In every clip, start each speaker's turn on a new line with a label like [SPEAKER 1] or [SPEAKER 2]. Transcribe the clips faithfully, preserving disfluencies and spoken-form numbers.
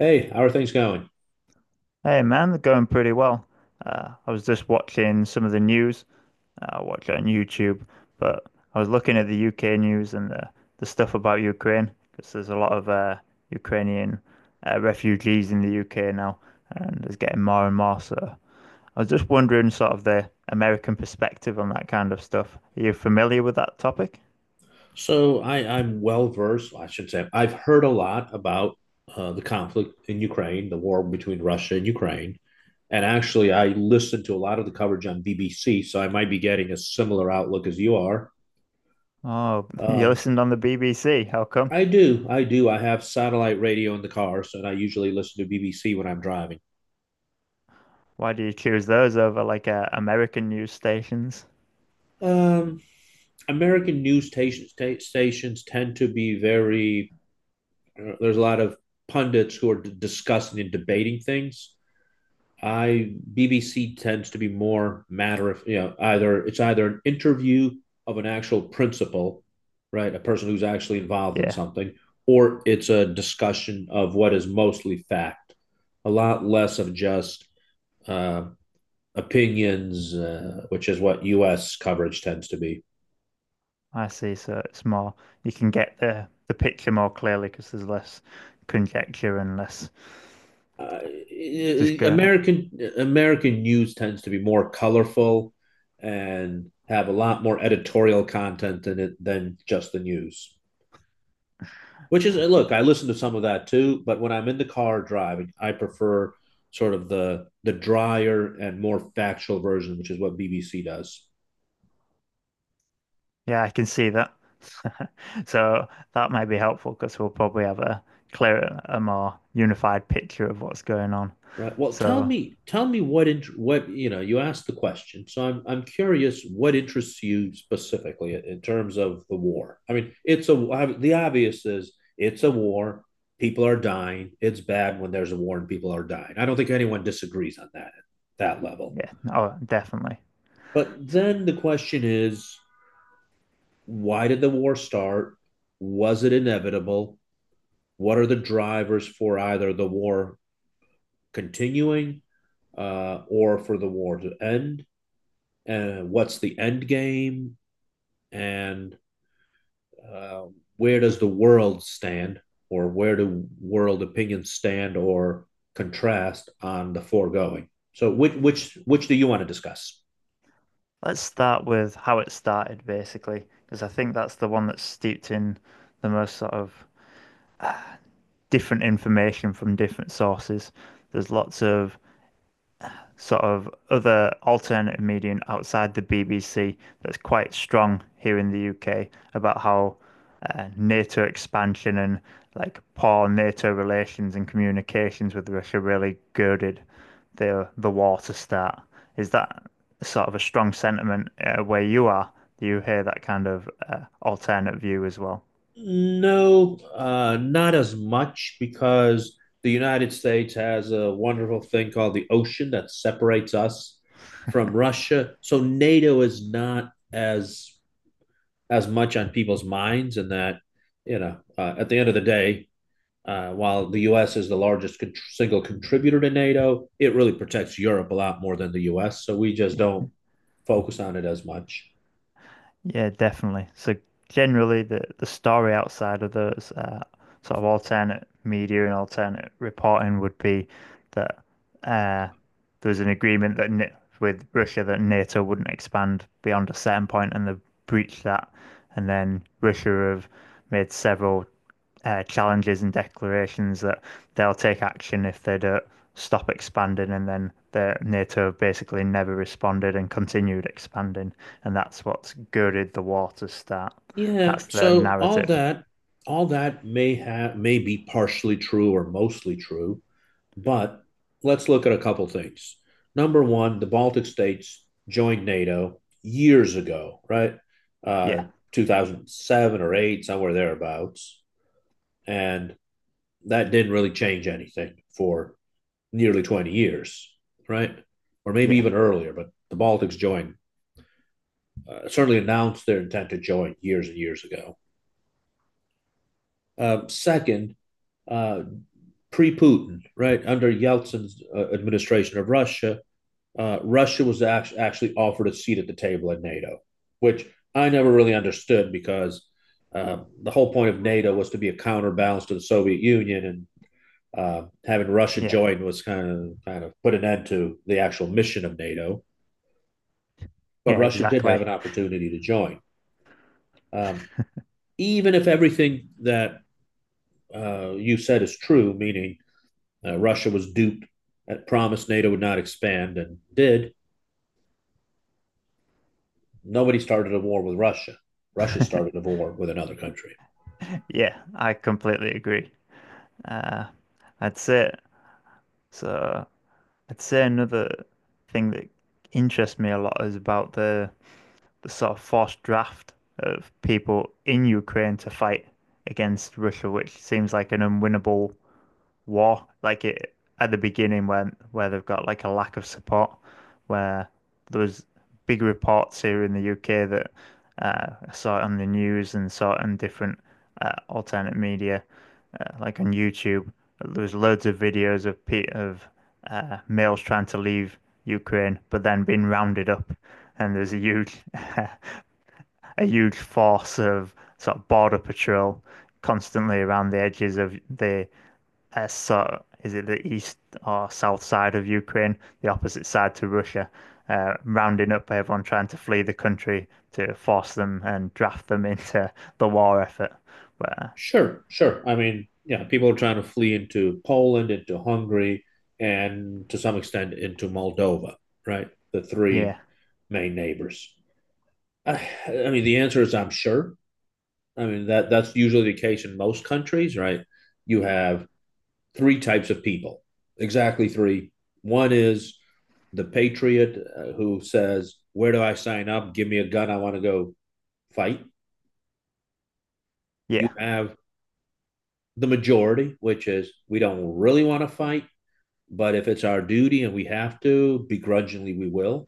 [SPEAKER 1] Hey, how are things going?
[SPEAKER 2] Hey man, they're going pretty well. Uh, I was just watching some of the news. Uh, I watch it on YouTube, but I was looking at the U K news and the, the stuff about Ukraine because there's a lot of uh, Ukrainian uh, refugees in the U K now, and there's getting more and more. So I was just wondering, sort of, the American perspective on that kind of stuff. Are you familiar with that topic?
[SPEAKER 1] So I, I'm well versed, I should say. I've heard a lot about uh, the conflict in Ukraine, the war between Russia and Ukraine. And actually, I listened to a lot of the coverage on B B C, so I might be getting a similar outlook as you are.
[SPEAKER 2] Oh, you
[SPEAKER 1] Um,
[SPEAKER 2] listened on the B B C. How come?
[SPEAKER 1] I do, I do. I have satellite radio in the car, so I usually listen to B B C when I'm driving.
[SPEAKER 2] Why do you choose those over like uh, American news stations?
[SPEAKER 1] Um, American news station, sta- stations tend to be very, uh, there's a lot of pundits who are d- discussing and debating things. I B B C tends to be more matter of you know either it's either an interview of an actual principal, right, a person who's actually involved in
[SPEAKER 2] Yeah.
[SPEAKER 1] something, or it's a discussion of what is mostly fact, a lot less of just uh, opinions, uh, which is what U S coverage tends to be.
[SPEAKER 2] I see. So it's more you can get the the picture more clearly because there's less conjecture and less
[SPEAKER 1] Uh,
[SPEAKER 2] just going on.
[SPEAKER 1] American American news tends to be more colorful and have a lot more editorial content than it than just the news. Which is look, I listen to some of that too, but when I'm in the car driving, I prefer sort of the the drier and more factual version, which is what B B C does.
[SPEAKER 2] Yeah, I can see that. So that might be helpful because we'll probably have a clearer, a more unified picture of what's going on.
[SPEAKER 1] Right. Well, tell
[SPEAKER 2] So
[SPEAKER 1] me, tell me what int- what you know. You asked the question, so I'm I'm curious what interests you specifically in, in terms of the war. I mean, it's a the obvious is it's a war. People are dying. It's bad when there's a war and people are dying. I don't think anyone disagrees on that that level.
[SPEAKER 2] yeah, oh, definitely.
[SPEAKER 1] But
[SPEAKER 2] So
[SPEAKER 1] then the question is, why did the war start? Was it inevitable? What are the drivers for either the war continuing, uh, or for the war to end? And what's the end game? And uh, where does the world stand, or where do world opinions stand or contrast on the foregoing? So, which which which do you want to discuss?
[SPEAKER 2] let's start with how it started, basically, because I think that's the one that's steeped in the most sort of different information from different sources. There's lots of sort of other alternative medium outside the B B C that's quite strong here in the U K about how uh, NATO expansion and like poor NATO relations and communications with Russia really girded the the war to start. Is that sort of a strong sentiment uh, where you are? Do you hear that kind of uh, alternate view as well?
[SPEAKER 1] No, uh, not as much because the United States has a wonderful thing called the ocean that separates us from Russia. So NATO is not as as much on people's minds, and that you know, uh, at the end of the day, uh, while the U S is the largest con- single contributor to NATO, it really protects Europe a lot more than the U S. So we just don't focus on it as much.
[SPEAKER 2] Yeah, definitely. So generally, the the story outside of those uh, sort of alternate media and alternate reporting would be that uh, there was an agreement that N with Russia that NATO wouldn't expand beyond a certain point, and they breached that, and then Russia have made several uh, challenges and declarations that they'll take action if they don't stop expanding, and then the NATO basically never responded and continued expanding, and that's what's girded the war to start.
[SPEAKER 1] Yeah,
[SPEAKER 2] That's the
[SPEAKER 1] so all
[SPEAKER 2] narrative.
[SPEAKER 1] that all that may have may be partially true or mostly true, but let's look at a couple things. Number one, the Baltic states joined NATO years ago, right? Uh,
[SPEAKER 2] Yeah,
[SPEAKER 1] two thousand seven or eight, somewhere thereabouts, and that didn't really change anything for nearly twenty years, right? Or maybe
[SPEAKER 2] yeah,
[SPEAKER 1] even earlier, but the Baltics joined, uh, certainly announced their intent to join years and years ago. Uh, second, uh, pre Putin, right, under Yeltsin's uh, administration of Russia, uh, Russia was act- actually offered a seat at the table at NATO, which I never really understood because uh, the whole point of NATO was to be a counterbalance to the Soviet Union, and uh, having Russia
[SPEAKER 2] yeah,
[SPEAKER 1] join was kind of kind of put an end to the actual mission of NATO. But
[SPEAKER 2] yeah,
[SPEAKER 1] Russia did have
[SPEAKER 2] exactly.
[SPEAKER 1] an opportunity to join, um, even if everything that uh, you said is true, meaning Uh, Russia was duped. It promised NATO would not expand and did. Nobody started a war with Russia. Russia started a war with another country.
[SPEAKER 2] Yeah, I completely agree. Uh, I'd say so. I'd say another thing that interests me a lot is about the the sort of forced draft of people in Ukraine to fight against Russia, which seems like an unwinnable war. Like it at the beginning when where they've got like a lack of support, where there was big reports here in the U K that uh, I saw it on the news and saw it on different uh, alternate media, uh, like on YouTube. There was loads of videos of of uh, males trying to leave Ukraine, but then being rounded up, and there's a huge uh, a huge force of sort of border patrol constantly around the edges of the uh, sort of- is it the east or south side of Ukraine, the opposite side to Russia, uh, rounding up everyone trying to flee the country to force them and draft them into the war effort. But uh,
[SPEAKER 1] Sure, sure. I mean, yeah, people are trying to flee into Poland, into Hungary, and to some extent into Moldova, right? The
[SPEAKER 2] yeah,
[SPEAKER 1] three main neighbors. I, I mean, the answer is I'm sure. I mean that that's usually the case in most countries, right? You have three types of people, exactly three. One is the patriot uh, who says, "Where do I sign up? Give me a gun. I want to go fight." You
[SPEAKER 2] yeah,
[SPEAKER 1] have the majority, which is we don't really want to fight, but if it's our duty and we have to, begrudgingly we will.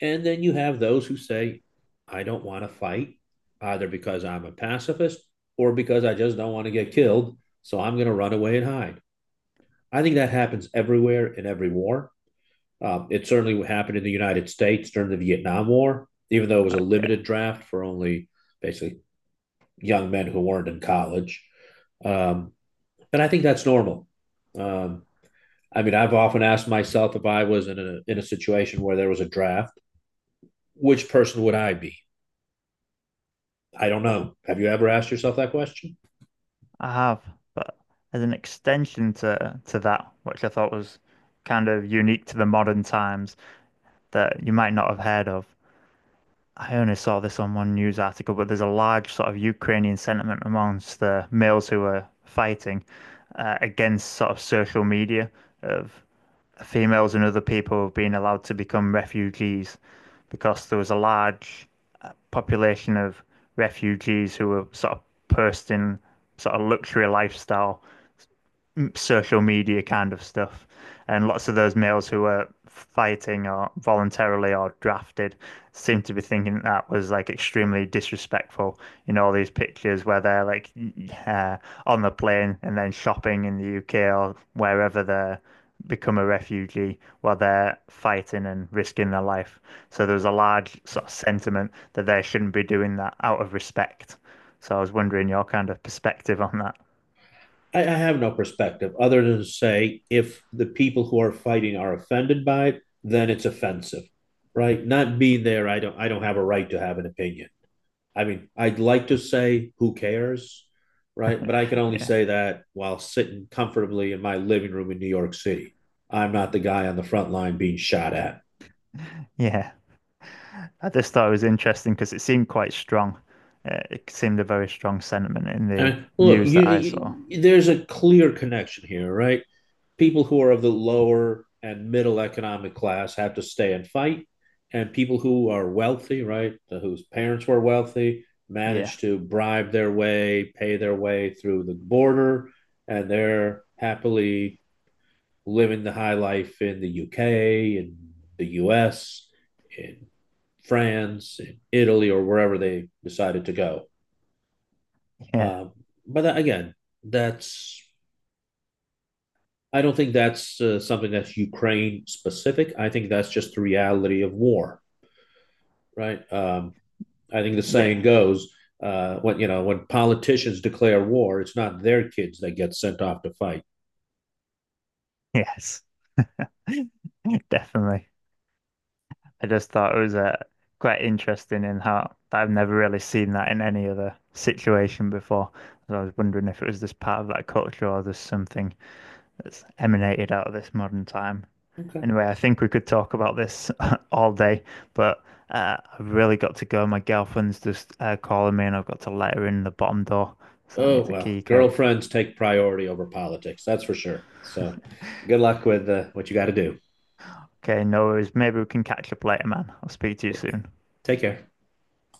[SPEAKER 1] And then you have those who say, I don't want to fight either because I'm a pacifist or because I just don't want to get killed. So I'm going to run away and hide. I think that happens everywhere in every war. Um, it certainly happened in the United States during the Vietnam War, even though it was a
[SPEAKER 2] yeah,
[SPEAKER 1] limited draft for only basically young men who weren't in college. Um, and I think that's normal. Um, I mean, I've often asked myself if I was in a in a situation where there was a draft, which person would I be? I don't know. Have you ever asked yourself that question?
[SPEAKER 2] I have. But as an extension to to that, which I thought was kind of unique to the modern times that you might not have heard of, I only saw this on one news article, but there's a large sort of Ukrainian sentiment amongst the males who are fighting uh, against sort of social media of females and other people being allowed to become refugees because there was a large population of refugees who were sort of posting sort of luxury lifestyle social media kind of stuff. And lots of those males who were fighting or voluntarily or drafted seem to be thinking that, that was like extremely disrespectful in all these pictures where they're like uh, on the plane and then shopping in the U K or wherever they become a refugee while they're fighting and risking their life. So there's a large sort of sentiment that they shouldn't be doing that out of respect. So I was wondering your kind of perspective on that.
[SPEAKER 1] I, I have no perspective other than to say if the people who are fighting are offended by it, then it's offensive, right? Not being there, I don't I don't have a right to have an opinion. I mean, I'd like to say who cares, right? But I can only
[SPEAKER 2] Yeah.
[SPEAKER 1] say that while sitting comfortably in my living room in New York City. I'm not the guy on the front line being shot at.
[SPEAKER 2] Yeah. I just thought it was interesting because it seemed quite strong. Uh, it seemed a very strong sentiment in the
[SPEAKER 1] And look,
[SPEAKER 2] news
[SPEAKER 1] you,
[SPEAKER 2] that I saw.
[SPEAKER 1] you, there's a clear connection here, right? People who are of the lower and middle economic class have to stay and fight, and people who are wealthy, right, whose parents were wealthy,
[SPEAKER 2] Yeah,
[SPEAKER 1] manage to bribe their way, pay their way through the border, and they're happily living the high life in the U K and the U S in France in Italy or wherever they decided to go.
[SPEAKER 2] yeah,
[SPEAKER 1] Um, but that, again, that's I don't think that's uh, something that's Ukraine specific. I think that's just the reality of war, right? Um, I think the saying
[SPEAKER 2] yeah,
[SPEAKER 1] goes, uh, when you know when politicians declare war, it's not their kids that get sent off to fight.
[SPEAKER 2] yes, definitely. I just thought it was uh, quite interesting in how I've never really seen that in any other situation before. So I was wondering if it was just part of that culture or there's something that's emanated out of this modern time.
[SPEAKER 1] Okay,
[SPEAKER 2] Anyway, I think we could talk about this all day, but uh, I've really got to go. My girlfriend's just uh, calling me, and I've got to let her in the bottom door, so I
[SPEAKER 1] oh
[SPEAKER 2] need the
[SPEAKER 1] well,
[SPEAKER 2] key code.
[SPEAKER 1] girlfriends take priority over politics. That's for sure. So, good luck with uh, what you got to do.
[SPEAKER 2] Okay, no worries. Maybe we can catch up later, man. I'll speak to you soon.
[SPEAKER 1] Take care.